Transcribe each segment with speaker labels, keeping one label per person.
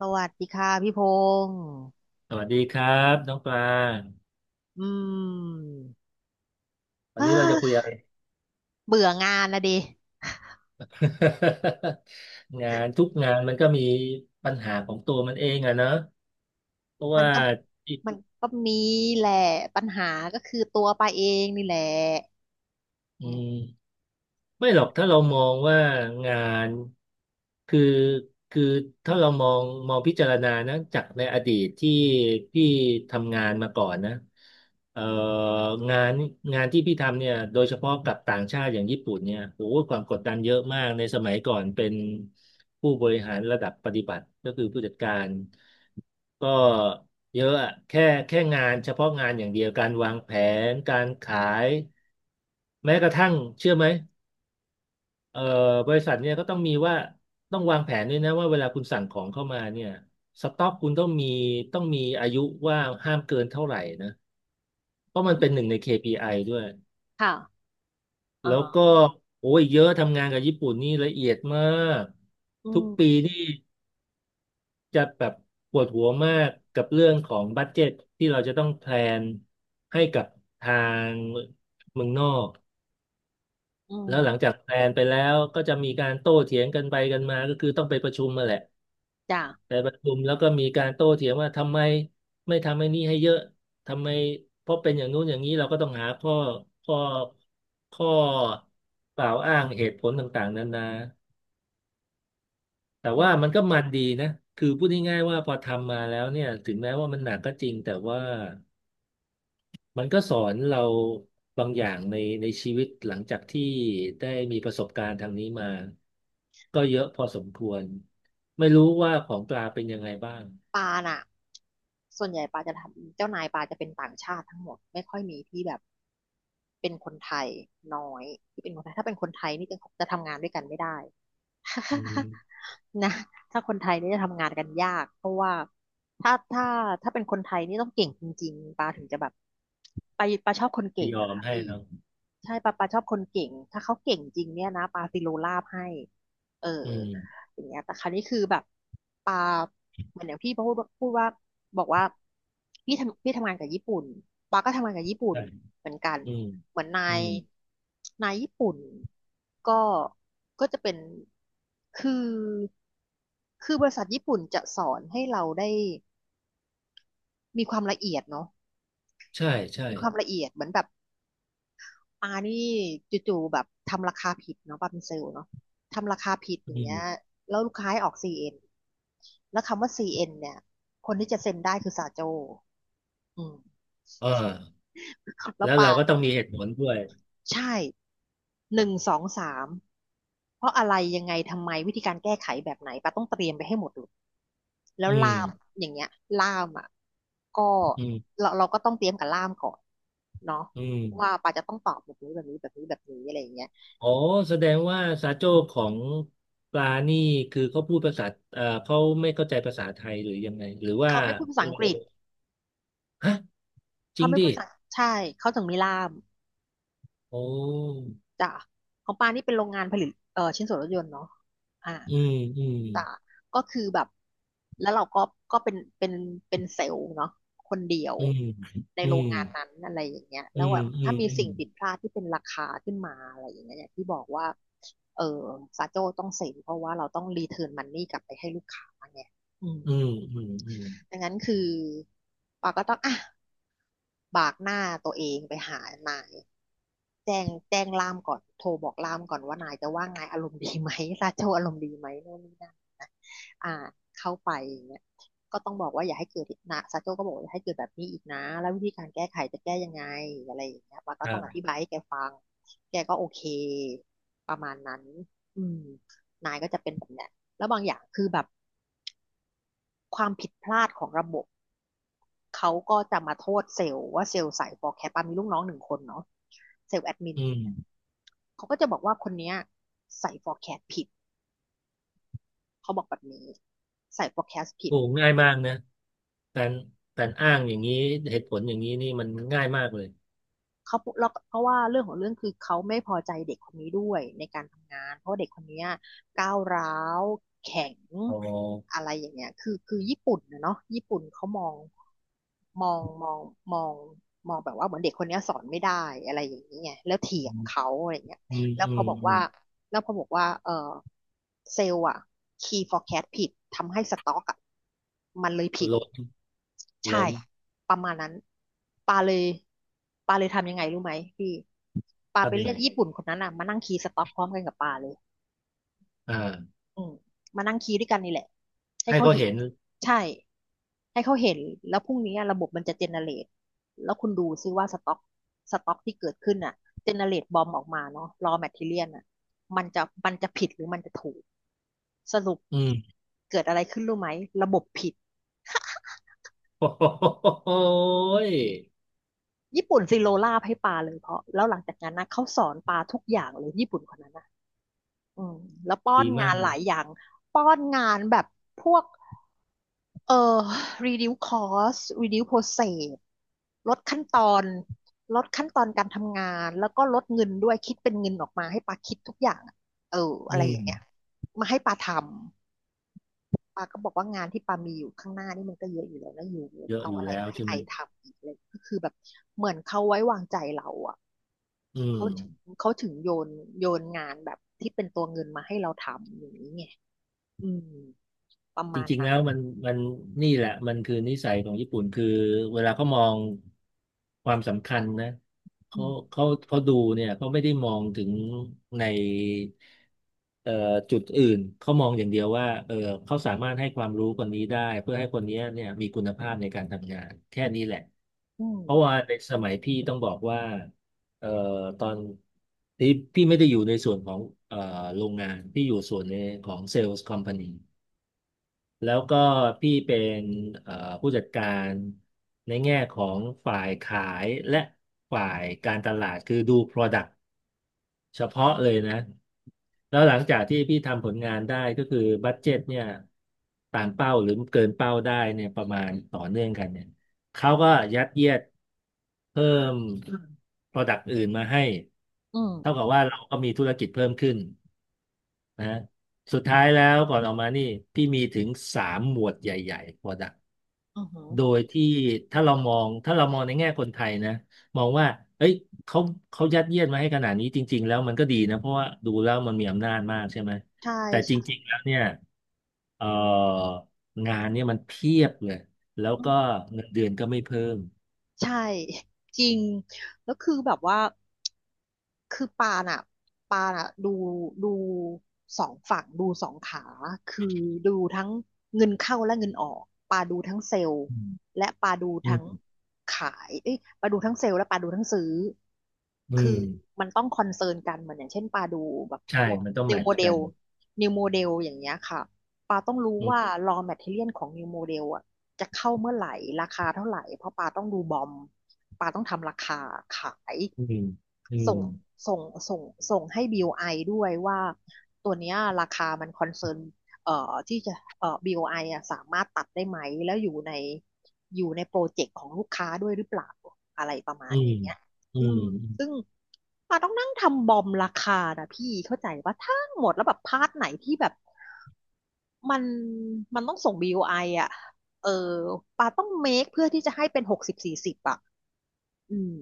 Speaker 1: สวัสดีค่ะพี่พงษ์
Speaker 2: สวัสดีครับน้องปลา
Speaker 1: อืม
Speaker 2: วัน
Speaker 1: อ้า
Speaker 2: นี้เราจะคุยอะไร
Speaker 1: เบื่องานละดิ
Speaker 2: งานทุกงานมันก็มีปัญหาของตัวมันเองอะเนอะเพราะ
Speaker 1: มัน
Speaker 2: ว่า
Speaker 1: ก็มันก็มีแหละปัญหาก็คือตัวปาเองนี่แหละ
Speaker 2: อื
Speaker 1: อืม
Speaker 2: ม ไม่หรอกถ้าเรามองว่างานคือคือถ้าเรามองพิจารณานะจากในอดีตที่พี่ทำงานมาก่อนนะเอ่องานที่พี่ทำเนี่ยโดยเฉพาะกับต่างชาติอย่างญี่ปุ่นเนี่ยโอ้โหความกดดันเยอะมากในสมัยก่อนเป็นผู้บริหารระดับปฏิบัติก็คือผู้จัดการก็เยอะอะแค่งานเฉพาะงานอย่างเดียวการวางแผนการขายแม้กระทั่งเชื่อไหม เอ่อบริษัทเนี่ยก็ต้องมีว่าต้องวางแผนด้วยนะว่าเวลาคุณสั่งของเข้ามาเนี่ยสต็อกคุณต้องมีต้องมีอายุว่าห้ามเกินเท่าไหร่นะเพราะมันเป็นหนึ่งใน KPI ด้วย
Speaker 1: ค่ะอ่า
Speaker 2: แล้ว
Speaker 1: ฮะ
Speaker 2: ก็โอ้ยเยอะทำงานกับญี่ปุ่นนี่ละเอียดมาก
Speaker 1: อื
Speaker 2: ทุกปี
Speaker 1: ม
Speaker 2: นี่จะแบบปวดหัวมากกับเรื่องของบัดเจ็ตที่เราจะต้องแพลนให้กับทางเมืองนอก
Speaker 1: อื
Speaker 2: แล้วหลัง
Speaker 1: ม
Speaker 2: จากแพลนไปแล้วก็จะมีการโต้เถียงกันไปกันมาก็คือต้องไปประชุมมาแหละ
Speaker 1: จ้ะ
Speaker 2: ไปประชุมแล้วก็มีการโต้เถียงว่าทำไมไม่ทำไอ้นี่ให้เยอะทำไมเพราะเป็นอย่างนู้นอย่างนี้เราก็ต้องหาข้อข้อกล่าวอ้างเหตุผลต่างๆนานาแต่
Speaker 1: อื
Speaker 2: ว่า
Speaker 1: ม
Speaker 2: มันดีนะคือพูดง่ายๆว่าพอทำมาแล้วเนี่ยถึงแม้ว่ามันหนักก็จริงแต่ว่ามันก็สอนเราบางอย่างในชีวิตหลังจากที่ได้มีประสบการณ์ทางนี้มาก็เยอะพอสมควรไม่รู้ว่าของปลาเป็นยังไงบ้าง
Speaker 1: ปาน่ะ ส่วนใหญ่ปาจะทำเจ้านายปาจะเป็นต่างชาติทั้งหมดไม่ค่อยมีที่แบบเป็นคนไทยน้อยที่เป็นคนไทยถ้าเป็นคนไทยนี่จะทำงานด้วยกันไม่ได้
Speaker 2: อืม
Speaker 1: นะถ้าคนไทยนี่จะทำงานกันยากเพราะว่าถ้าถ้าถ้าเป็นคนไทยนี่ต้องเก่งจริงๆปาถึงจะแบบไปาชอบคนเก่ง
Speaker 2: ยอ
Speaker 1: อะ
Speaker 2: ม
Speaker 1: ค่ะ
Speaker 2: ให้
Speaker 1: พี่
Speaker 2: เนาะ
Speaker 1: ใช่ปาชอบคนเก่งถ้าเขาเก่งจริงเนี่ยนะปาซิโลลาบให้เออ
Speaker 2: อืม
Speaker 1: อย่างเงี้ยแต่คราวนี้คือแบบปาเหมือนอย่างพี่พูดว่าบอกว่าพี่ทำงานกับญี่ปุ่นปาก็ทำงานกับญี่ปุ่น
Speaker 2: ใช่
Speaker 1: เหมือนกัน
Speaker 2: อืม
Speaker 1: เหมือนนา
Speaker 2: อื
Speaker 1: ย
Speaker 2: ม
Speaker 1: นายญี่ปุ่นก็ก็จะเป็นคือคือบริษัทญี่ปุ่นจะสอนให้เราได้มีความละเอียดเนาะ
Speaker 2: ใช่ใช่
Speaker 1: มีความละเอียดเหมือนแบบ ปานี่จู่ๆแบบทำราคาผิดเนาะปาเป็นเซลล์เนาะทำราคาผิดอ
Speaker 2: อื
Speaker 1: ย่างเงี้ย
Speaker 2: ม
Speaker 1: แล้วลูกค้าให้ออกซีเอ็นแล้วคำว่า CN เอ็นเนี่ยคนที่จะเซ็นได้คือสาโจอืม
Speaker 2: เออ
Speaker 1: แล้
Speaker 2: แล้
Speaker 1: ว
Speaker 2: วเรา
Speaker 1: ปา
Speaker 2: ก็ต้องมีเหตุผลด้วย
Speaker 1: ใช่หนึ่งสองสามเพราะอะไรยังไงทำไมวิธีการแก้ไขแบบไหนปาต้องเตรียมไปให้หมดเลยแล้ว
Speaker 2: อื
Speaker 1: ล่าม
Speaker 2: ม
Speaker 1: อย่างเงี้ยล่ามอ่ะก็
Speaker 2: อืม
Speaker 1: เราก็ต้องเตรียมกับล่ามก่อนเนาะ
Speaker 2: อืม
Speaker 1: ว่าปาจะต้องตอบแบบนี้แบบนี้แบบนี้แบบนี้อะไรอย่างเงี้ย
Speaker 2: อ๋อแสดงว่าซาโจ้ของปลานี่คือเขาพูดภาษาเขาไม่เข้าใจภาษาไทยหรือยังไงหรือว่า
Speaker 1: เขาไม่พูดภาษาอัง
Speaker 2: เรา
Speaker 1: กฤษ
Speaker 2: ฮะจ
Speaker 1: เขา
Speaker 2: ริง
Speaker 1: ไม่
Speaker 2: ดิ
Speaker 1: พูดภาษา ใช่ เขาถึงมีล่าม
Speaker 2: โอ้
Speaker 1: จ้ะของปานี่เป็นโรงงานผลิตชิ้นส่วนรถยนต์เนาะอ่า
Speaker 2: อืมอืม
Speaker 1: จ้ะก็คือแบบ แล้วเราก็ก็เป็นเป็นเซลล์เนาะคนเดียว
Speaker 2: อืม
Speaker 1: ใน
Speaker 2: อื
Speaker 1: โรง
Speaker 2: ม
Speaker 1: งานนั้นอะไรอย่างเงี้ย
Speaker 2: อื
Speaker 1: แล้ว
Speaker 2: ม
Speaker 1: แบบ
Speaker 2: อื
Speaker 1: ถ้า
Speaker 2: ม
Speaker 1: มี
Speaker 2: อื
Speaker 1: สิ่
Speaker 2: ม
Speaker 1: งผิดพลาดที่เป็นราคาขึ้นมาอะไรอย่างเงี้ยอย่างที่บอกว่าเออซาโจ้ต้องเซ็นเพราะว่าเราต้องรีเทิร์นมันนี่กลับไปให้ลูกค้าไงอืม
Speaker 2: อืมอืมอืม
Speaker 1: ดังนั้นคือปาก็ต้องอ่ะบากหน้าตัวเองไปหานายแจ้งล่ามก่อนโทรบอกล่ามก่อนว่านายจะว่านายอารมณ์ดีไหมซาโจอารมณ์ดีไหมโน่นนี่นั่นนะอ่าเข้าไปอย่างเงี้ยก็ต้องบอกว่าอย่าให้เกิดอีกนะซาโจก็บอกว่าอย่าให้เกิดแบบนี้อีกนะแล้ววิธีการแก้ไขจะแก้ยังไงอะไรอย่างเงี้ยปา
Speaker 2: ค
Speaker 1: ก็
Speaker 2: รั
Speaker 1: ต้องอธิ
Speaker 2: บ
Speaker 1: บายให้แกฟังแกก็โอเคประมาณนั้นอืมนายก็จะเป็นแบบเนี้ยแล้วบางอย่างคือแบบความผิดพลาดของระบบ เขาก็จะมาโทษเซลล์ว่าเซลล์ใส่ฟอร์แคสต์ปามีลูกน้องหนึ่งคนเนาะเซลล์แอดมิน
Speaker 2: อื
Speaker 1: เ
Speaker 2: ม
Speaker 1: ขาก็จะบอกว่าคนเนี้ยใส่ฟอร์แคสต์ผิดเขาบอกแบบนี้ใส่ฟอร์แคสต์ผิด
Speaker 2: โอ้ง่ายมากนะการการอ้างอย่างนี้เหตุผลอย่างนี้นี่มันง่ายมากเลย
Speaker 1: เขาเพราะว่าเรื่องของเรื่องคือเขาไม่พอใจเด็กคนนี้ด้วยในการทำงานเพราะว่าเด็กคนนี้ยก้าวร้าวแข็ง
Speaker 2: อ๋อ
Speaker 1: อะไรอย่างเงี้ยคือญี่ปุ่นนะเนาะญี่ปุ่นเขามองมองมองมองแบบว่าเหมือนเด็กคนนี้ยสอนไม่ได้อะไรอย่างเงี้ยแล้วเถี
Speaker 2: อื
Speaker 1: ยง
Speaker 2: ม
Speaker 1: เขาอะไรเงี้ยแล้ว
Speaker 2: อื
Speaker 1: พอ
Speaker 2: ม
Speaker 1: บอก
Speaker 2: อื
Speaker 1: ว่า
Speaker 2: ม
Speaker 1: แล้วพอบอกว่าเออเซลล์อะ key forecast ผิดทำให้สต็อกอะมันเลยผิด
Speaker 2: ล้น
Speaker 1: ใช่
Speaker 2: ล้น
Speaker 1: ประมาณนั้นปาเลยปาเลยทำยังไงรู้ไหมพี่ปาไป
Speaker 2: ทำยัง
Speaker 1: เรี
Speaker 2: ไง
Speaker 1: ยกญี่ปุ่นคนนั้นอ่ะมานั่งคีย์สต็อกพร้อมกันกับปาเลย
Speaker 2: อ่า
Speaker 1: อืมมานั่งคีย์ด้วยกันนี่แหละให้
Speaker 2: ให้
Speaker 1: เขา
Speaker 2: เขา
Speaker 1: เห็น
Speaker 2: เห็น
Speaker 1: ใช่ให้เขาเห็นแล้วพรุ่งนี้ระบบมันจะเจเนเรตแล้วคุณดูซิว่าสต็อกที่เกิดขึ้นอ่ะเจเนเรตบอมออกมาเนาะรอแมทเทเรียลอ่ะมันจะผิดหรือมันจะถูกสรุป
Speaker 2: อืม
Speaker 1: เกิดอะไรขึ้นรู้ไหมระบบผิด
Speaker 2: โอ้โหย
Speaker 1: ญี่ปุ่นซีโรลาให้ปาเลยเพราะแล้วหลังจากนั้นนะเขาสอนปาทุกอย่างเลยญี่ปุ่นคนนั้นนะอืมแล้วป้อน
Speaker 2: ดีมา
Speaker 1: งาน
Speaker 2: ก
Speaker 1: หลา
Speaker 2: นะ
Speaker 1: ยอย่างป้อนงานแบบพวกเอ่อ reduce cost reduce process ลดขั้นตอนลดขั้นตอนการทำงานแล้วก็ลดเงินด้วยคิดเป็นเงินออกมาให้ปาคิดทุกอย่างอะเออ
Speaker 2: อื
Speaker 1: อะไรอย่า
Speaker 2: ม
Speaker 1: งเงี้ยมาให้ปาทำ ปาก็บอกว่างานที่ปามีอยู่ข้างหน้านี่มันก็เยอะอยู่แล้วนะอยู่
Speaker 2: เยอะ
Speaker 1: เอา
Speaker 2: อยู่
Speaker 1: อะไร
Speaker 2: แล้ว
Speaker 1: มาให้
Speaker 2: ใช่
Speaker 1: ไอ
Speaker 2: ไหม
Speaker 1: ทำอีกเลยก็คือแบบเหมือนเขาไว้วางใจเราอ่ะ
Speaker 2: อืม
Speaker 1: เขาถึงเขาถึงโยนงานแบบที่เป็นตัวเงินมาให้เราทำอย่างนี้ไงอืมประ
Speaker 2: จ
Speaker 1: มาณ
Speaker 2: ริงๆ
Speaker 1: นั้
Speaker 2: แล้
Speaker 1: น
Speaker 2: วมันนี่แหละมันคือนิสัยของญี่ปุ่นคือเวลาเขามองความสำคัญนะ
Speaker 1: อื
Speaker 2: เขา
Speaker 1: ม
Speaker 2: เขาดูเนี่ยเขาไม่ได้มองถึงในเอ่อจุดอื่นเขามองอย่างเดียวว่าเออเขาสามารถให้ความรู้คนนี้ได้เพื่อให้คนนี้เนี่ยมีคุณภาพในการทำงานแค่นี้แหละ
Speaker 1: อืม
Speaker 2: เพราะว่าในสมัยพี่ต้องบอกว่าเอ่อตอนที่พี่ไม่ได้อยู่ในส่วนของเอ่อโรงงานพี่อยู่ส่วนในของเซลล์คอมพานี แล้วก็พี่เป็นเอ่อผู้จัดการในแง่ของฝ่ายขายและฝ่ายการตลาดคือดู Product เฉพาะเลยนะแล้วหลังจากที่พี่ทำผลงานได้ก็คือบัดเจ็ตเนี่ยตามเป้าหรือเกินเป้าได้เนี่ยประมาณต่อเนื่องกันเนี่ยเขาก็ยัดเยียดเพิ่ม Product อื่นมาให้
Speaker 1: อืม
Speaker 2: เท่ากับว่าเราก็มีธุรกิจเพิ่มขึ้น นะฮะสุดท้ายแล้วก่อนออกมานี่พี่มีถึงสามหมวดใหญ่ๆ product
Speaker 1: อือหือ
Speaker 2: โดยที่ถ้าเรามองในแง่คนไทยนะมองว่าเอ้ยเขาเขายัดเยียดมาให้ขนาดนี้จริงๆแล้วมันก็ดีนะเพราะว่าดูแล้วมันมีอำนาจมากใช่ไหม
Speaker 1: ใช่
Speaker 2: แต่
Speaker 1: ใช
Speaker 2: จริงๆแล้วเนี่ยเอ่องานเนี่ยมันเพียบเลยแล้วก็
Speaker 1: ่
Speaker 2: เงินเดือนก็ไม่เพิ่ม
Speaker 1: ใช่ จริงแล้วคือแบบว่าคือปาน่ะดูสองฝั่งดูสองขาคือดูทั้งเงินเข้าและเงินออกปาดูทั้งเซลล์
Speaker 2: อืม
Speaker 1: และปาดู
Speaker 2: อื
Speaker 1: ทั้ง
Speaker 2: ม
Speaker 1: ขายเอ้ยปาดูทั้งเซลล์และปาดูทั้งซื้อ
Speaker 2: อื
Speaker 1: คือ
Speaker 2: ม
Speaker 1: มันต้องคอนเซิร์นกันเหมือนอย่างเช่นปาดูแบบ
Speaker 2: ใช่
Speaker 1: พวก
Speaker 2: มันต้อง
Speaker 1: นิ
Speaker 2: แม
Speaker 1: ว
Speaker 2: ท
Speaker 1: โม
Speaker 2: ช์
Speaker 1: เด
Speaker 2: กั
Speaker 1: ล
Speaker 2: น
Speaker 1: นิวโมเดลอย่างเงี้ยค่ะปาต้องรู้
Speaker 2: อื
Speaker 1: ว่า
Speaker 2: ม
Speaker 1: raw material ของ new model อ่ะ จะเข้าเมื่อไหร่ราคาเท่าไหร่เพราะปาต้องดูบอมปาต้องทำราคาขาย
Speaker 2: อืมอื
Speaker 1: ส่
Speaker 2: ม
Speaker 1: งส่งส่งส่งให้บิลไอด้วยว่าตัวเนี้ยราคามันคอนเซิร์นที่จะบิลไออ่ะสามารถตัดได้ไหมแล้วอยู่ในโปรเจกต์ของลูกค้าด้วยหรือเปล่าอะไรประมา
Speaker 2: อื
Speaker 1: ณอ
Speaker 2: ม
Speaker 1: ย่างเงี้ย
Speaker 2: อื
Speaker 1: อื
Speaker 2: ม
Speaker 1: มซึ่งปาต้องนั่งทำบอมราคานะพี่เข้าใจว่าทั้งหมดแล้วแบบพาร์ทไหนที่แบบ มันมันต้องส่ง BOI ออ่ะเออปาต้องเมคเพื่อที่จะให้เป็น60/40อ่ะอืม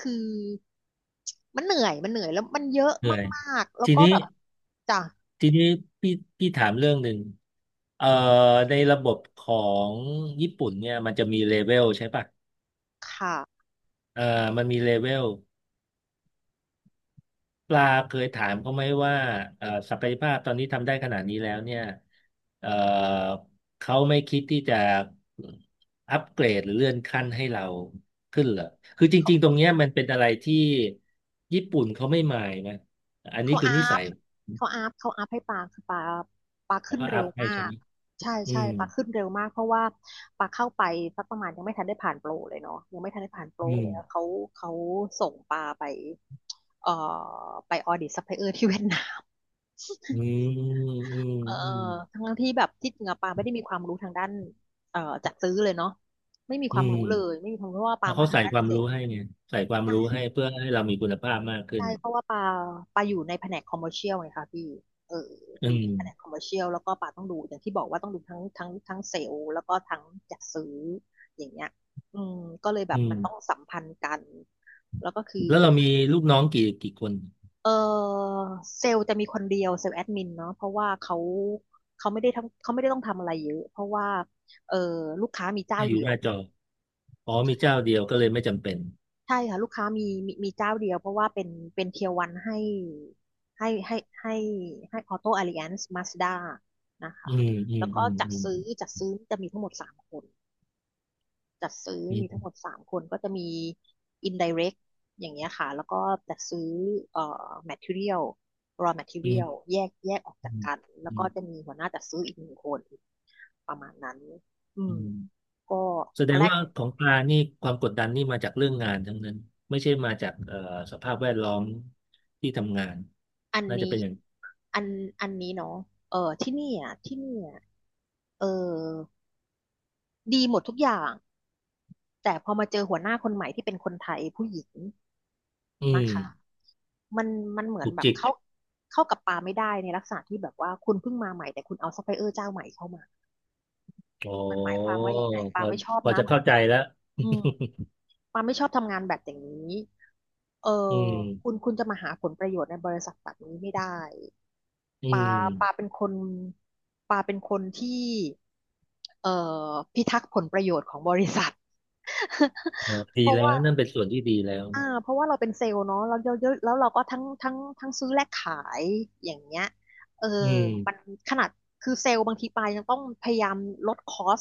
Speaker 1: คือมันเหนื่อยมันเหนื่อยแล้วมันเยอะ
Speaker 2: เหนื่อย
Speaker 1: มากๆแล้ว
Speaker 2: ที
Speaker 1: ก็
Speaker 2: นี้
Speaker 1: แบบจ้ะ
Speaker 2: ทีนี้พี่พี่ถามเรื่องหนึ่งเอ่อในระบบของญี่ปุ่นเนี่ยมันจะมีเลเวลใช่ปะ
Speaker 1: ค่ะ
Speaker 2: เอ่อมันมีเลเวลปลาเคยถามเขาไหมว่าศักยภาพตอนนี้ทำได้ขนาดนี้แล้วเนี่ยเอ่อเขาไม่คิดที่จะอัปเกรดหรือเลื่อนขั้นให้เราขึ้นเหรอคือจริงๆตรงเนี้ยมันเป็นอะไรที่ญี่ปุ่นเขาไม่มายนะอันนี้
Speaker 1: เขา
Speaker 2: คือ
Speaker 1: อั
Speaker 2: นิสั
Speaker 1: พ
Speaker 2: ย
Speaker 1: เขาอัพให้ปลาคือปลา
Speaker 2: เขา
Speaker 1: ขึ้น
Speaker 2: ก็อั
Speaker 1: เร็ว
Speaker 2: พให้
Speaker 1: มา
Speaker 2: ใช่ไห
Speaker 1: ก
Speaker 2: ม
Speaker 1: ใช่
Speaker 2: อื
Speaker 1: ใช่
Speaker 2: ม
Speaker 1: ปลาขึ้นเร็วมากเพราะว่าปลาเข้าไปสักประมาณยังไม่ทันได้ผ่านโปรเลยเนาะยังไม่ทันได้ผ่านโปร
Speaker 2: อื
Speaker 1: เล
Speaker 2: ม
Speaker 1: ยแล้วเขาส่งปลาไปเอ่อไปออดิตซัพพลายเออร์ที่เวียดนาม
Speaker 2: อืมอืม
Speaker 1: เออ
Speaker 2: อืม
Speaker 1: ทั้งที่แบบที่จริงอะปาไม่ได้มีความรู้ทางด้านเอ่อจัดซื้อเลยเนาะไม่มีค
Speaker 2: อื
Speaker 1: วามรู้เลย
Speaker 2: ม
Speaker 1: ไม่มีความรู้เพราะว่าปามา
Speaker 2: เเขา
Speaker 1: ทาง
Speaker 2: ใส่
Speaker 1: ด้าน
Speaker 2: ค
Speaker 1: เก
Speaker 2: วาม
Speaker 1: ษต
Speaker 2: รู้
Speaker 1: ร
Speaker 2: ให้เนี่ยใส่ความรู้ให้เพื่อให้เรามีคุณภาพมากขึ้
Speaker 1: ใช่
Speaker 2: น
Speaker 1: เพราะว่าปาอยู่ในแผนกคอมเมอร์เชียลไงคะพี่เออ
Speaker 2: อื
Speaker 1: อยู่
Speaker 2: ม
Speaker 1: ในแผนกคอมเมอร์เชียลแล้วก็ปาต้องดูอย่างที่บอกว่าต้องดูทั้งเซลล์แล้วก็ทั้งจัดซื้ออย่างเงี้ยอืมก็เลยแบ
Speaker 2: อื
Speaker 1: บมันต้อง
Speaker 2: ม
Speaker 1: สัมพันธ์กันแล้วก็คือ
Speaker 2: แล้วเรามีลูกน้องกี่คน
Speaker 1: เออเซลล์จะมีคนเดียวเซลล์แอดมินเนาะเพราะว่าเขาเขาไม่ได้ทั้งเขาไม่ได้ต้องทำอะไรเยอะเพราะว่าเออลูกค้ามีเจ้า
Speaker 2: ให้อยู่
Speaker 1: เดีย
Speaker 2: ห
Speaker 1: ว
Speaker 2: น้าจออ๋อมีเจ้าเดียวก็เลยไม่จำเป็น
Speaker 1: ใช่ค่ะลูกค้ามีเจ้าเดียวเพราะว่าเป็นเทียร์วันให้ให้ให้ให้ออโต้ a อ l i แอนซ์มาสด้านะ
Speaker 2: อื
Speaker 1: คะ
Speaker 2: มอืม
Speaker 1: แล้ว
Speaker 2: อื
Speaker 1: ก็
Speaker 2: ม
Speaker 1: จัด
Speaker 2: อืม
Speaker 1: ซื้อจัดซื้อจะมีทั้งหมดสามคน จัดซื้อ
Speaker 2: อื
Speaker 1: มีทั้ง
Speaker 2: ม
Speaker 1: หมดสามคนก็จะมี indirect อย่างเงี้ยค่ะแล้วก็จัดซื้อเอ่อ material raw
Speaker 2: อื
Speaker 1: material
Speaker 2: ม
Speaker 1: แยกแยกออก
Speaker 2: อื
Speaker 1: จาก
Speaker 2: ม
Speaker 1: กันแล้ว
Speaker 2: อื
Speaker 1: ก็
Speaker 2: ม
Speaker 1: จะมีหัวหน้าจัดซื้ออีกหนึ่งคนประมาณนั้นอื
Speaker 2: อื
Speaker 1: ม
Speaker 2: ม
Speaker 1: ก็
Speaker 2: แส
Speaker 1: ต
Speaker 2: ด
Speaker 1: อน
Speaker 2: ง
Speaker 1: แรก
Speaker 2: ว่าของปลานี่ความกดดันนี่มาจากเรื่องงานทั้งนั้นไม่ใช่มาจากสภาพแวดล้อมที่ทำงาน
Speaker 1: อัน
Speaker 2: น่าจะ
Speaker 1: นี้
Speaker 2: เป็นอย่าง
Speaker 1: อันอันนี้เนาะเออที่นี่อ่ะที่นี่อ่ะเออดีหมดทุกอย่างแต่พอมาเจอหัวหน้าคนใหม่ที่เป็นคนไทยผู้หญิง
Speaker 2: อื
Speaker 1: นะ
Speaker 2: ม
Speaker 1: คะ มันมันเหมือน
Speaker 2: ถูก
Speaker 1: แบบ
Speaker 2: จิก
Speaker 1: เข้ากับปลาไม่ได้ในลักษณะที่แบบว่าคุณเพิ่งมาใหม่แต่คุณเอาซัพพลายเออร์เจ้าใหม่เข้ามา
Speaker 2: อ๋อ
Speaker 1: มันหมายความว่ายังไง
Speaker 2: พ
Speaker 1: ปา
Speaker 2: อ
Speaker 1: ไม่ชอบ
Speaker 2: พอ
Speaker 1: นะ
Speaker 2: จะ
Speaker 1: แบบ
Speaker 2: เข้าใจ
Speaker 1: เนี้ย
Speaker 2: แล้ว
Speaker 1: อืม ปาไม่ชอบทำงานแบบอย่างนี้เอ
Speaker 2: อื
Speaker 1: อคุณ
Speaker 2: ม
Speaker 1: คุณจะมาหาผลประโยชน์ในบริษัทแบบนี้ไม่ได้
Speaker 2: อื
Speaker 1: ปาปา
Speaker 2: ม
Speaker 1: เป็นคนปาเป็นคนที่เอ่อพิทักษ์ผลประโยชน์ของบริษัท
Speaker 2: เออ
Speaker 1: เพ
Speaker 2: ดี
Speaker 1: ราะ
Speaker 2: แล้
Speaker 1: ว่า
Speaker 2: วนั่นเป็นส่วนที่ดีแล้ว
Speaker 1: อ่าเพราะว่าเราเป็นเซลล์เนาะแล้วเยอะๆแล้วเราก็ทั้งซื้อและขายอย่างเงี้ยเออ
Speaker 2: อืม
Speaker 1: มันขนาดคือเซลล์บางทีปลายยังต้องพยายามลดคอส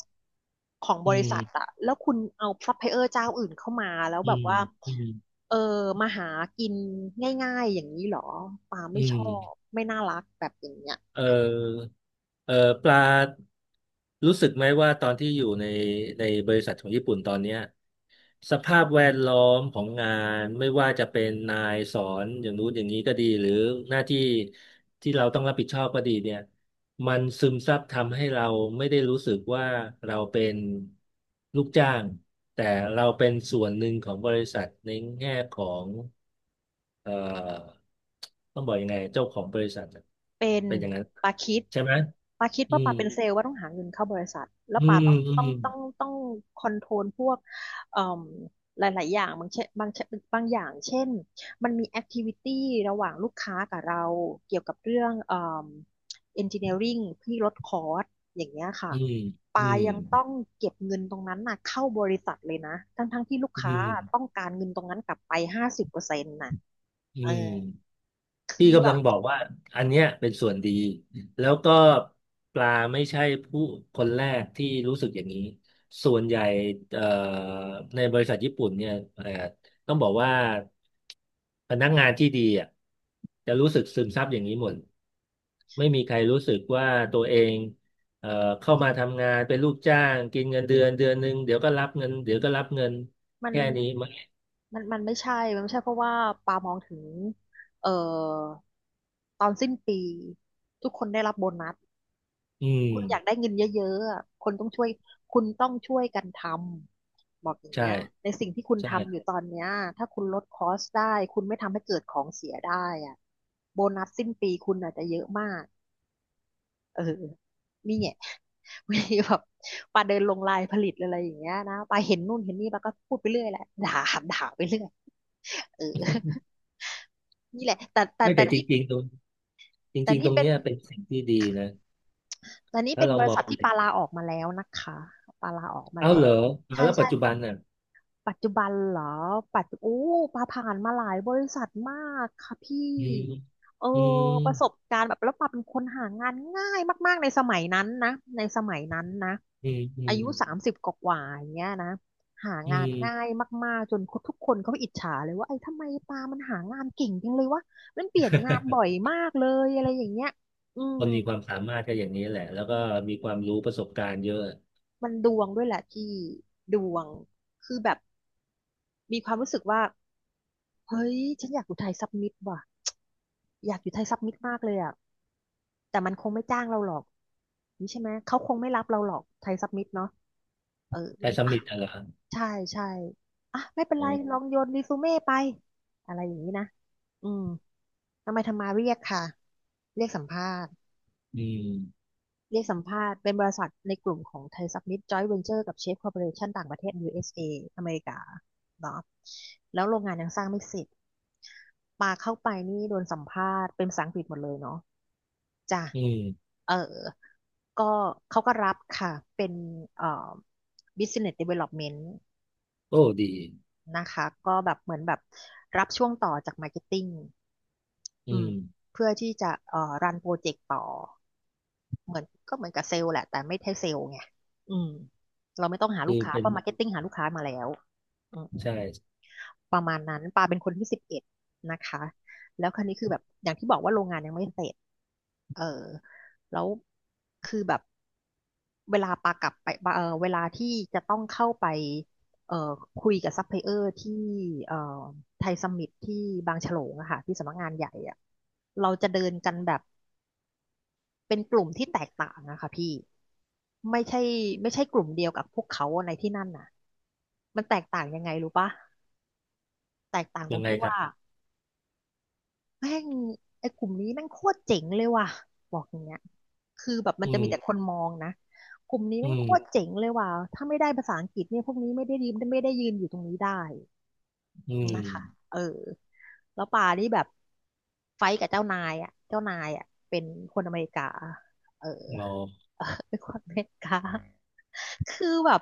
Speaker 1: ของบ
Speaker 2: อื
Speaker 1: ริษัทอะ
Speaker 2: ม
Speaker 1: แล้วคุณเอาซัพพลายเออร์เจ้าอื่นเข้ามาแล้ว
Speaker 2: อื
Speaker 1: แบบ
Speaker 2: ม
Speaker 1: ว่า
Speaker 2: อืม
Speaker 1: เออมาหากินง่ายๆอย่างนี้เหรอปา
Speaker 2: อื
Speaker 1: ไม่ชอบ
Speaker 2: ม
Speaker 1: ไม่น่ารักแบบอย่างเงี้ย
Speaker 2: เออเออปลารู้สึกไหมว่าตอนที่อยู่ในในบริษัทของญี่ปุ่นตอนเนี้ย สภาพแวดล้อมของงานไม่ว่าจะเป็นนายสอนอย่างนู้นอย่างนี้ก็ดีหรือหน้าที่ที่เราต้องรับผิดชอบก็ดีเนี่ยมันซึมซับทำให้เราไม่ได้รู้สึกว่าเราเป็นลูกจ้างแต่เราเป็นส่วนหนึ่งของบริษัทในแง่ของเอ่อต้องบอกยังไงเจ้าของบริษัทอะ
Speaker 1: เป็น
Speaker 2: เป็นอย่างนั้น
Speaker 1: ปาคิด
Speaker 2: ใช่ไหม
Speaker 1: ปาคิด
Speaker 2: อื
Speaker 1: ว่าปา
Speaker 2: ม
Speaker 1: เป็นเซลล์ว่าต้องหาเงินเข้าบริษัทแล้ว
Speaker 2: อื
Speaker 1: ปา
Speaker 2: ม
Speaker 1: ต้อง
Speaker 2: อื
Speaker 1: ต้อ
Speaker 2: ม
Speaker 1: งต้องต้องคอนโทรลพวกเอ่มหลายๆอย่างบางอย่างเช่นมันมีแอคทิวิตี้ระหว่างลูกค้ากับเราเกี่ยวกับเรื่องเอ่มเอนจิเนียริ่งที่ลดคอร์สอย่างเงี้ยค่ะ
Speaker 2: อืมอื
Speaker 1: ปา
Speaker 2: ม
Speaker 1: อืยังมต้องเก็บเงินตรงนั้นน่ะเข้าบริษัทเลยนะทั้งๆที่ลูก
Speaker 2: อื
Speaker 1: ค้า
Speaker 2: ม
Speaker 1: ต้องการเงินตรงนั้นกลับไป50%น่ะ
Speaker 2: อื
Speaker 1: เอ
Speaker 2: ม
Speaker 1: อ
Speaker 2: พี่
Speaker 1: คือแบ
Speaker 2: กำลัง
Speaker 1: บ
Speaker 2: บอกว่าอันเนี้ยเป็นส่วนดีแล้วก็ปลาไม่ใช่ผู้คนแรกที่รู้สึกอย่างนี้ส่วนใหญ่เอ่อในบริษัทญี่ปุ่นเนี่ยต้องบอกว่าพนักงานที่ดีอ่ะจะรู้สึกซึมซับอย่างนี้หมดไม่มีใครรู้สึกว่าตัวเองเอ่อเข้ามาทำงานเป็นลูกจ้างกินเงินเดือนเดือนหนึ่งเดี๋ยวก็รับเงินเดี๋ยวก็รับเงิน
Speaker 1: มัน
Speaker 2: แค่นี้มั้ง
Speaker 1: มันไม่ใช่เพราะว่าปามองถึงเอ่อตอนสิ้นปีทุกคนได้รับโบนัส
Speaker 2: อื
Speaker 1: คุณอยากได้
Speaker 2: ม
Speaker 1: เงินเยอะๆอะคนต้องช่วยคุณต้องช่วยกันทำบอกอย่าง
Speaker 2: ใช่
Speaker 1: เงี้ยในสิ่งที่คุณ
Speaker 2: ใช่
Speaker 1: ทำอยู่ตอนเนี้ยถ้าคุณลดคอสได้คุณไม่ทำให้เกิดของเสียได้อะโบนัสสิ้นปีคุณอาจจะเยอะมากเออนี่เนี่ย วันนี้แบบปาเดินลงลายผลิตอะไรอย่างเงี้ยนะปาเห็นนู่นเห็นนี่ปาก็พูดไปเรื่อยแหละด่า ด่าไปเรื่อยเออ นี่แหละแต่แต่
Speaker 2: ไม่
Speaker 1: แต่
Speaker 2: แต่จ
Speaker 1: นี่
Speaker 2: ริงๆตรง จ
Speaker 1: แต่
Speaker 2: ริงๆ ต
Speaker 1: นี่
Speaker 2: รง
Speaker 1: เป็น
Speaker 2: เนี้ยเป็นสิ่งที่ดีนะ
Speaker 1: แต่นี่
Speaker 2: ถ้า
Speaker 1: เป็น
Speaker 2: เรา
Speaker 1: บริ
Speaker 2: มอ
Speaker 1: ษัท
Speaker 2: ง
Speaker 1: ที่ปาลาออกมาแล้วนะคะ ปาลาออกมา
Speaker 2: เอ้า
Speaker 1: แล้
Speaker 2: เหร
Speaker 1: ว
Speaker 2: ออ่ะ
Speaker 1: ใช่
Speaker 2: แล้วปั
Speaker 1: ใช่
Speaker 2: จจุบันน่ะ
Speaker 1: ปัจจุบันเหรอปัจจุโอ้ปาผ่านมาหลายบริษัทมากค่ะพี่
Speaker 2: อืม
Speaker 1: เออ
Speaker 2: อืม
Speaker 1: ประสบการณ์แบบแล้วปาเป็นคนหางานง่ายมากๆในสมัยนั้นนะในสมัยนั้นนะ
Speaker 2: อืมอื
Speaker 1: อา
Speaker 2: ม
Speaker 1: ยุ30กว่าๆอย่างเงี้ยนะหา
Speaker 2: อื
Speaker 1: งานง่าย
Speaker 2: ม
Speaker 1: มากๆจนทุกคนเขาอิจฉาเลยว่าไอ้ทำไมปามันหางานเก่งจังเลยวะมันเปลี่ยนงานบ่อยมากเลยอะไรอย่างเงี้ยอื
Speaker 2: ค
Speaker 1: ม
Speaker 2: นมีความสามารถก็อย่างนี้แหละ แล้วก็มีความรู้ประสบการณ์เยอะ
Speaker 1: มันดวงด้วยแหละที่ดวงคือแบบมีความรู้สึกว่าเฮ้ยฉันอยากอุทัยซับมิตว่ะ อยากอยู่ไทยซับมิตมากเลยอ่ะแต่มันคงไม่จ้างเราหรอกนี่ใช่ไหม เขาคงไม่รับเราหรอกไทยซับมิตเนาะเออ
Speaker 2: แต่ส
Speaker 1: อ่ะ
Speaker 2: มิธอะไรอ
Speaker 1: ใช่ใช่อ่ะไม่เป็น
Speaker 2: อ๋
Speaker 1: ไร
Speaker 2: อ
Speaker 1: ลองโยนรีซูเม่ไปอะไรอย่างนี้นะอืมทำไมทำมาเรียกค่ะ เรียกสัมภาษณ์
Speaker 2: อืม
Speaker 1: เรียกสัมภาษณ์เป็นบริษัทในกลุ่มของไทยซับมิตจอยเวนเจอร์กับเชฟคอร์ปอเรชั่นต่างประเทศ USA อสเออเมริกาเนาะแล้วโรงงานยังสร้างไม่เสร็จปาเข้าไปนี่โดนสัมภาษณ์เป็นภาษาอังกฤษหมดเลยเนาะ จ้ะ
Speaker 2: อืม
Speaker 1: เออก็เขาก็รับค่ะ เป็นเอ่อ business development
Speaker 2: โอ้ดี
Speaker 1: นะคะ ก็แบบเหมือนแบบรับช่วงต่อจาก marketing
Speaker 2: อื
Speaker 1: อืม
Speaker 2: ม
Speaker 1: เพื่อที่จะรันโปรเจกต์ต่อ เหมือนก็เหมือนกับเซลล์แหละแต่ไม่ใช่เซลล์ไงอืมเราไม่ต้องหาลู
Speaker 2: คื
Speaker 1: ก
Speaker 2: อ
Speaker 1: ค้า
Speaker 2: เป็
Speaker 1: เพ
Speaker 2: น
Speaker 1: ราะ marketing หาลูกค้ามาแล้วอืม
Speaker 2: ใช่
Speaker 1: ประมาณนั้นปาเป็นคนที่11นะคะแล้วคราวนี้คือแบบอย่างที่บอกว่าโรงงานยังไม่เสร็จเออแล้วคือแบบเวลาปากลับไปปาเออเวลาที่จะต้องเข้าไปเอ่อคุยกับซัพพลายเออร์ที่เอ่อไทยซัมมิตที่บางฉลงอะค่ะที่สำนักงานใหญ่อะเราจะเดินกันแบบเป็นกลุ่มที่แตกต่างอะค่ะพี่ไม่ใช่ไม่ใช่กลุ่มเดียวกับพวกเขาในที่นั่นน่ะมันแตกต่างยังไงรู้ปะแตกต่างตร
Speaker 2: ยั
Speaker 1: ง
Speaker 2: งไง
Speaker 1: ที่
Speaker 2: ครับ
Speaker 1: ว่า แม่งไอ้กลุ่มนี้แม่งโคตรเจ๋งเลยว่ะบอกอย่างเงี้ยคือแบบมัน
Speaker 2: อื
Speaker 1: จะ
Speaker 2: ม
Speaker 1: มีแต่คนมองนะกลุ่มนี้
Speaker 2: อื
Speaker 1: แม่ง
Speaker 2: ม
Speaker 1: โคตรเจ๋งเลยว่ะถ้าไม่ได้ภาษาอังกฤษเนี่ยพวกนี้ไม่ได้ยืนอยู่ตรงนี้ได้
Speaker 2: อืม
Speaker 1: นะคะเออแล้วป่านี่แบบไฟท์กับเจ้านายอ่ะเจ้านายอ่ะเป็นคนอเมริกาเออ
Speaker 2: อ๋อ
Speaker 1: เออเป็นคนอเมริกาคือแบบ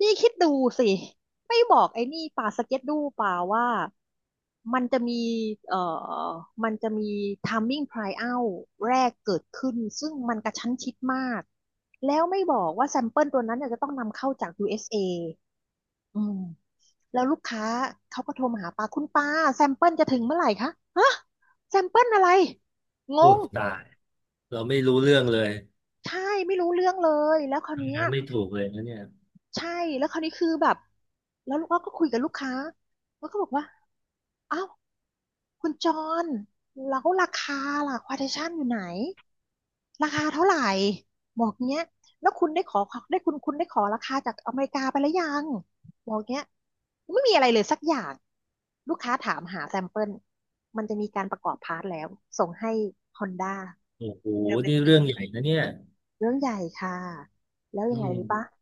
Speaker 1: นี่คิดดูสิไม่บอกไอ้นี่ป่าสเก็ตดูป่าว่ามันจะมีเอ่อมันจะมี timing tryout แรกเกิดขึ้นซึ่งมันกระชั้นชิดมากแล้วไม่บอกว่าแซมเปิลตัวนั้นเนี่ยจะต้องนำเข้าจาก USA อสเออืมแล้วลูกค้าเขาก็โทรมาหาป้าคุณป้าแซมเปิลจะถึงเมื่อไหร่คะฮะแซมเปิลอะไรง
Speaker 2: โอ้
Speaker 1: ง
Speaker 2: ตาย เราไม่รู้เรื่องเลย
Speaker 1: ใช่ไม่รู้เรื่องเลยแล้วคราวเนี้
Speaker 2: ทำ
Speaker 1: ย
Speaker 2: งานไม่ถูกเลยนะเนี่ย
Speaker 1: ใช่แล้วคราวนี้คือแบบแล้วเราก็คุยกับลูกค้าแล้วก็บอกว่าอ้าวคุณจอนแล้วราคาล่ะควอเทชั่นอยู่ไหนราคาเท่าไหร่บอกเนี้ยแล้วคุณได้ขอราคาจากอเมริกาไปแล้วยังบอกเนี้ยไม่มีอะไรเลยสักอย่างลูกค้าถามหาแซมเปิลมันจะมีการประกอบพาร์ทแล้วส่งให้ Honda
Speaker 2: โอ้โห
Speaker 1: เร็
Speaker 2: นี่เรื่
Speaker 1: วๆ
Speaker 2: องใหญ่นะเนี่ย
Speaker 1: เรื่องใหญ่ค่ะ แล้ว
Speaker 2: อื
Speaker 1: ยังไงรู้ปะ
Speaker 2: ม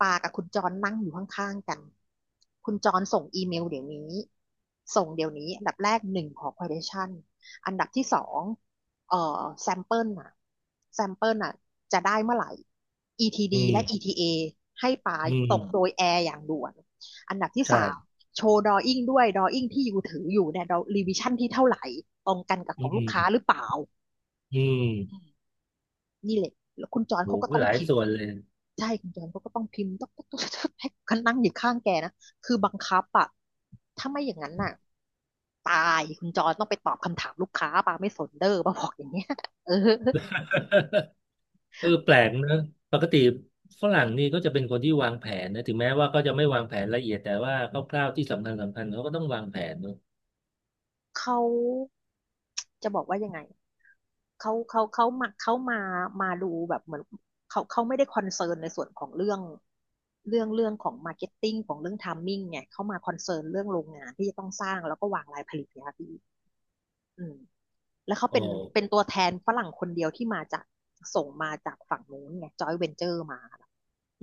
Speaker 1: ปากับคุณจอนนั่งอยู่ข้างๆกัน คุณจอนส่งอีเมลเดี๋ยวนี้ ส่งเดี๋ยวนี้อันดับแรกหนึ่งขอ quotation อันดับที่สองsample น่ะ sample น่ะจะได้เมื่อไหร่
Speaker 2: อื
Speaker 1: ETD และ
Speaker 2: ม
Speaker 1: ETA ให้ปา
Speaker 2: อื
Speaker 1: ส่งโด
Speaker 2: ม
Speaker 1: ยแอร์อย่างด่วนอันดับที่
Speaker 2: ใช่
Speaker 1: สามโชว์ drawing ด้วย drawing ที่อยู่ถืออยู่เนี่ย revision ที่เท่าไหร่ตรงกันกับข
Speaker 2: อื
Speaker 1: องลูกค้าหรือ
Speaker 2: ม
Speaker 1: เปล่า
Speaker 2: อื
Speaker 1: อื
Speaker 2: ม
Speaker 1: มนี่แหละแล้วคุณจอน
Speaker 2: โห
Speaker 1: เขาก็ต้อ
Speaker 2: ห
Speaker 1: ง
Speaker 2: ลาย
Speaker 1: พิมพ์
Speaker 2: ส่วนเลย
Speaker 1: ใช่คุณจอนเขาก็ต้องพิมพ์ต๊อกต๊อกต๊อกต๊อกให้กันนั่งอยู่ข้างแกนะคือบังคับอะถ้าไม่อย่างนั้นน่ะตายคุณจอนต้องไปตอบคำถามลูกค้าปาไม่สนเด้อปาบอกอย่างเงี้ยเออ
Speaker 2: เออแปลกนะปกติฝรั่งนี่ก็จะเป็นคนที่วางแผนนะถึงแม้ว่าก็จะไม่วางแผนละเอียด แต่ว่าคร่าวๆที่สำคัญสำคัญเขาก็ต้องวางแผนเนอะ
Speaker 1: เขาจะบอกว่ายังไงเขามาดูแบบเหมือนเขาไม่ได้คอนเซิร์นในส่วนของเรื่องเรื่องของมาร์เก็ตติ้งของเรื่องไทมิ่งไงเขามาคอนเซิร์นเรื่องโรงงานที่จะต้องสร้างแล้วก็วางรายผลิตเนี่ยค่ะพี่อืม แล้วเขา
Speaker 2: อ๋อ
Speaker 1: เป็นเป็นตัวแทนฝรั่งคนเดียวที่มาจากส่งมาจากฝั่งนู้นไงจอยเวนเจอร์มา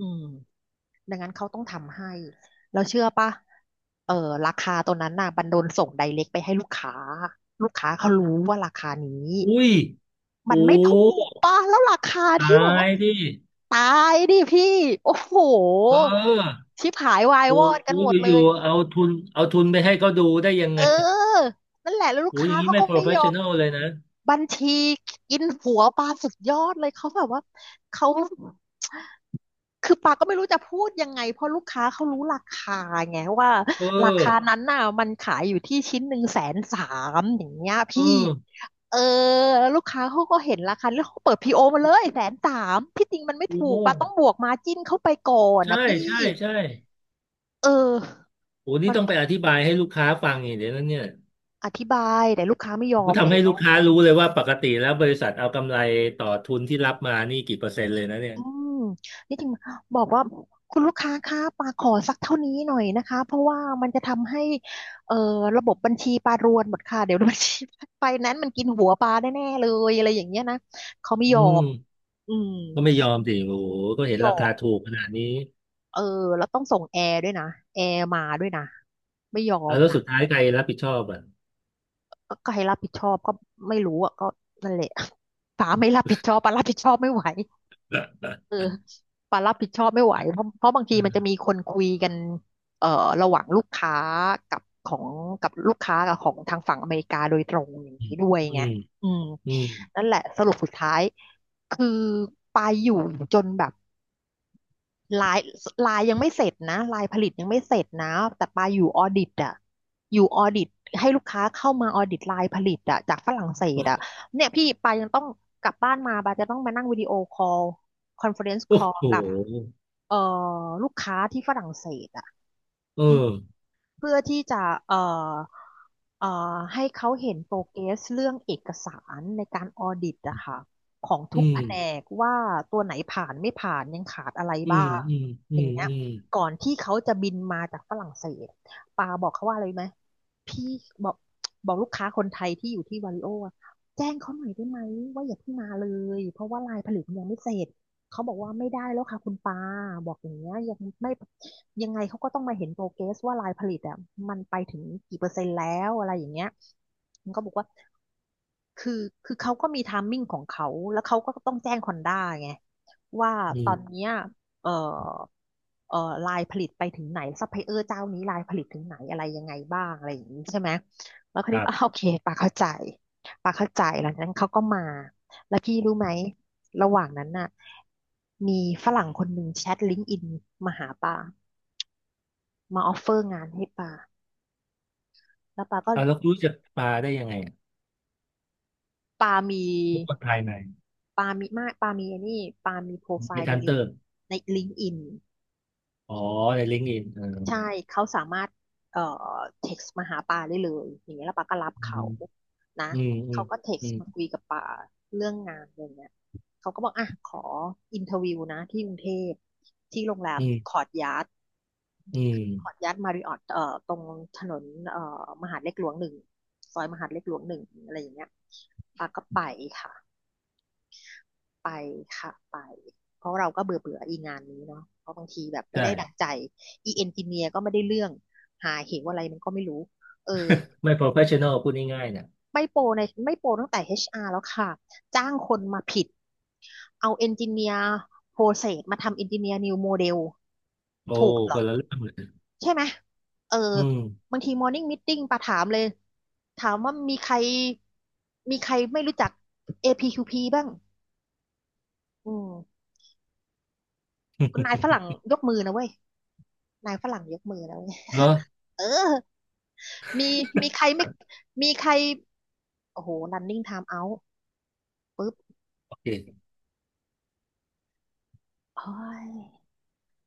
Speaker 1: อืมดังนั้นเขาต้องทำให้เราเชื่อปะเออราคาตัวนั้นน่ะบันโดนส่งไดเรกไปให้ลูกค้าลูกค้าเขารู้ว่าราคานี้
Speaker 2: อุ้ย
Speaker 1: มั
Speaker 2: โอ้
Speaker 1: นไม่ถูกปะแล้วราคา
Speaker 2: ตา
Speaker 1: ที่แบบว่า
Speaker 2: ยดิ
Speaker 1: ตายดิพี่โอ้โห
Speaker 2: เออ
Speaker 1: ชิบหายวาย
Speaker 2: โอ้
Speaker 1: วอด
Speaker 2: โห
Speaker 1: กันหมด
Speaker 2: อ
Speaker 1: เล
Speaker 2: ยู่
Speaker 1: ย
Speaker 2: ๆเอาทุนเอาทุนไปให้เขาดูได้ยัง
Speaker 1: เ
Speaker 2: ไง
Speaker 1: ออนั่นแหละแล้วลูก
Speaker 2: โอ้อ
Speaker 1: ค้า
Speaker 2: ย่างนี้
Speaker 1: เขา
Speaker 2: ไม่
Speaker 1: ก็ไม่ยอม
Speaker 2: professional เลยนะ
Speaker 1: บัญชีกินหัวปาสุดยอดเลยเขาแบบว่าเขาคือปาก็ไม่รู้จะพูดยังไงเพราะลูกค้าเขารู้ราคาไงว่า
Speaker 2: เอ
Speaker 1: รา
Speaker 2: อ
Speaker 1: คานั้นน่ะมันขายอยู่ที่ชิ้นหนึ่งแสนสามอย่างเงี้ย
Speaker 2: เอ
Speaker 1: พี่
Speaker 2: อ
Speaker 1: เออแล้วลูกค้าเขาก็เห็นราคาแล้วเขาเปิดพีโอมาเลยแสนสามที่จริงมันไม่ถู
Speaker 2: โอ้
Speaker 1: กปาต้องบวกมาจิ้นเข้าไปก่อน
Speaker 2: ใช่
Speaker 1: นะพี่
Speaker 2: ใช่ใช่
Speaker 1: เออ
Speaker 2: โอ้นี่
Speaker 1: มัน
Speaker 2: ต้องไปอธิบายให้ลูกค้าฟังอย่างเดี๋ยวนั้นเนี่ย
Speaker 1: อธิบายแต่ลูกค้าไม่ยอ
Speaker 2: ก็
Speaker 1: ม
Speaker 2: ทำให้
Speaker 1: แล้ว
Speaker 2: ลูกค้ารู้เลยว่าปกติแล้วบริษัทเอากำไรต่อทุนที่รับมานี่กี่เปอร์เซ็นต์เลยนะเนี่ย
Speaker 1: อืมนี่จริงบอกว่าคุณลูกค้าคะปาขอสักเท่านี้หน่อยนะคะเพราะว่ามันจะทำให้เอ่อระบบบัญชีปารวนหมดค่ะเดี๋ยวบัญชี ไฟแนนซ์มันกินหัวปาแน่ๆเลยอะไรอย่างเงี้ยนะเขาไม่ยอ
Speaker 2: อื
Speaker 1: ม
Speaker 2: ม
Speaker 1: อืม
Speaker 2: ก็ไม่ยอมสิโอ้โหก็
Speaker 1: ไม่
Speaker 2: เห็น
Speaker 1: ย
Speaker 2: รา
Speaker 1: อ
Speaker 2: คา
Speaker 1: ม
Speaker 2: ถูกขนาดนี้
Speaker 1: เออแล้วต้องส่งแอร์ด้วยนะแอร์มาด้วยนะไม่ยอ
Speaker 2: แล้
Speaker 1: ม
Speaker 2: วแล้ว
Speaker 1: นะ
Speaker 2: สุดท้ายใครรับผิดชอบอ่ะ
Speaker 1: ก็ใครรับผิดชอบก็ไม่รู้อ่ะก็นั่นแหละ ป๋าไม่รับผิดชอบป๋ารับผิดชอบไม่ไหว เออปารับผิดชอบไม่ไหวเพราะบางทีมันจะมีคนคุยกันเอ่อระหว่างลูกค้ากับของกับลูกค้ากับของทางฝั่งอเมริกาโดยตรงอย่าง
Speaker 2: อื
Speaker 1: นี้
Speaker 2: ม
Speaker 1: ด้วย
Speaker 2: อื
Speaker 1: ไง
Speaker 2: ม
Speaker 1: อืม
Speaker 2: อืม
Speaker 1: นั่นแหละสรุปสุดท้ายคือปาอยู่จนแบบลายลายยังไม่เสร็จนะลายผลิตยังไม่เสร็จนะแต่ปาอยู่ออดิตอะอยู่ออดิตให้ลูกค้าเข้ามาออดิตลายผลิตอะจากฝรั่งเศสอะเนี่ยพี่ปายังต้องกลับบ้านมาปาจะต้องมานั่งวิดีโอคอลคอนเฟอเรนซ์ค
Speaker 2: โอ้
Speaker 1: อล
Speaker 2: โห
Speaker 1: กับ เอ่อลูกค้าที่ฝรั่งเศสอ่ะ
Speaker 2: เอ
Speaker 1: อืม
Speaker 2: อ
Speaker 1: เพื่อที่จะเอ่อเอ่อให้เขาเห็นโปรเกรสเรื่องเอกสารในการออดิตอะค่ะของ
Speaker 2: อื
Speaker 1: ทุก
Speaker 2: ม
Speaker 1: แผนกว่าตัวไหนผ่านไม่ผ่านยังขาดอะไร
Speaker 2: อื
Speaker 1: บ้า
Speaker 2: ม
Speaker 1: ง
Speaker 2: อืม
Speaker 1: อ
Speaker 2: อื
Speaker 1: ย่าง
Speaker 2: ม
Speaker 1: เงี้ย
Speaker 2: อืม
Speaker 1: ก่อนที่เขาจะบินมาจากฝรั่งเศสปาบอกเขาว่าอะไรรู้ไหมพี่บอกลูกค้าคนไทยที่อยู่ที่วาริโออะแจ้งเขาหน่อยได้ไหมว่าอย่าเพิ่งมาเลยเพราะว่าลายผลิตมันยังไม่เสร็จ เขาบอกว่าไม่ได้แล้วค่ะคุณปาบอกอย่างเงี้ยยังไม่ยังไงเขาก็ต้องมาเห็นโปรเกรสว่าลายผลิตอ่ะมันไปถึงกี่เปอร์เซ็นต์แล้วอะไรอย่างเงี้ยมันก็บอกว่าคือคือเขาก็มีไทมิ่งของเขาแล้วเขาก็ต้องแจ้งคอนด้าไงว่า
Speaker 2: อื
Speaker 1: ตอ
Speaker 2: ม
Speaker 1: นเนี้ยเอ่อเอ่อลายผลิตไปถึงไหนซัพพลายเออร์เจ้านี้ลายผลิตถึงไหนอะไรยังไงบ้างอะไรอย่างนี้ใช่ไหมแล้วค
Speaker 2: ค
Speaker 1: ลิป
Speaker 2: รั
Speaker 1: อาโอ
Speaker 2: บ
Speaker 1: เคปาเข้าใจปาเข้าใจหลังจากนั้นเขาก็มา พี่รู้ไหมระหว่างนั้นน่ะมีฝรั่งคนหนึ่งแชทลิงก์อินมาหาปามาออฟเฟอร์งานให้ปาแล้วปาก็
Speaker 2: เอาแล้วรู้จักปลาได้ยังไงอะ
Speaker 1: ปามี
Speaker 2: พวกคนภายใน
Speaker 1: ปามีมากปามีไอันนี้ปามีโปรไฟ
Speaker 2: ใน
Speaker 1: ล์
Speaker 2: ทั้นเติม
Speaker 1: ในลิงก์อิน
Speaker 2: อ๋อในลิงก์อินเออ
Speaker 1: ใช่เขาสามารถเอ่อเท็กซ์มาหาปาได้เลยอย่างเงี้ยแล้วปาก็รับ
Speaker 2: อื
Speaker 1: เขา
Speaker 2: ม
Speaker 1: นะ
Speaker 2: อืมอืม
Speaker 1: เขาก็เท็ก
Speaker 2: อื
Speaker 1: ซ์
Speaker 2: ม
Speaker 1: มาคุยกับปาเรื่องงานอย่างเงี้ยเขาก็บอกอ่ะขออินเทอร์วิวนะที่กรุงเทพที่โรงแร
Speaker 2: อื
Speaker 1: มคอ
Speaker 2: ม
Speaker 1: ร์ทยาร์ด
Speaker 2: อืม
Speaker 1: ขออนุญาตมาริออตตรงถนนมหาดเล็กหลวงหนึ่งซอยมหาดเล็กหลวงหนึ่งอะไรอย่างเงี้ยปาก็ไปค่ะไปค่ะไปเพราะเราก็เบื่อเบื่ออีงานนี้เนาะเพราะบางทีแบบไม่ได้ดั่ง
Speaker 2: ใช่
Speaker 1: ใจอีเอนจิเนียร์ก็ไม่ได้เรื่องหาเหวอะไรมันก็ไม่รู้เออ
Speaker 2: ไม่ professional พูดง่ายๆเนี่ย
Speaker 1: ไม่โปรตั้งแต่ HR แล้วค่ะจ้างคนมาผิดเอาเอนจิเนียร์โปรเซสมาทำเอนจิเนียร์นิวโมเดล
Speaker 2: โอ้
Speaker 1: ถูกเหร
Speaker 2: ค
Speaker 1: อ
Speaker 2: นละเรื่องเลย
Speaker 1: ใช่ไหมเออ
Speaker 2: อืม
Speaker 1: บางทีมอร์นิ่งม e ต i n งปะถามเลย ถามว่ามีใคร มีใครไม่รู้จัก APQP บ้าง อืม นาย ฝรั่งยกมือนะเว้ย นายฝรั่งยกมือนะเว้ย
Speaker 2: เนาะ
Speaker 1: เออ มี มีใครไม่มีใคร โอ้โห running time out ปุ๊บ
Speaker 2: โอเค
Speaker 1: โอ้ย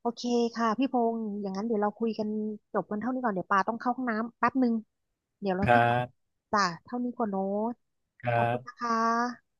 Speaker 1: โอเคค่ะพี่พงษ์อย่างนั้นเดี๋ยวเราคุยกันจบกันเท่านี้ก่อนเดี๋ยวปาต้องเข้าห้องน้ำแป๊บหนึ่งเดี๋ยวเรา
Speaker 2: ค
Speaker 1: ค่
Speaker 2: รั
Speaker 1: อยกลับ
Speaker 2: บ
Speaker 1: จ้ะเท่านี้ก่อนโน้ต
Speaker 2: ค
Speaker 1: ข
Speaker 2: รั
Speaker 1: อบคุ
Speaker 2: บ
Speaker 1: ณนะคะ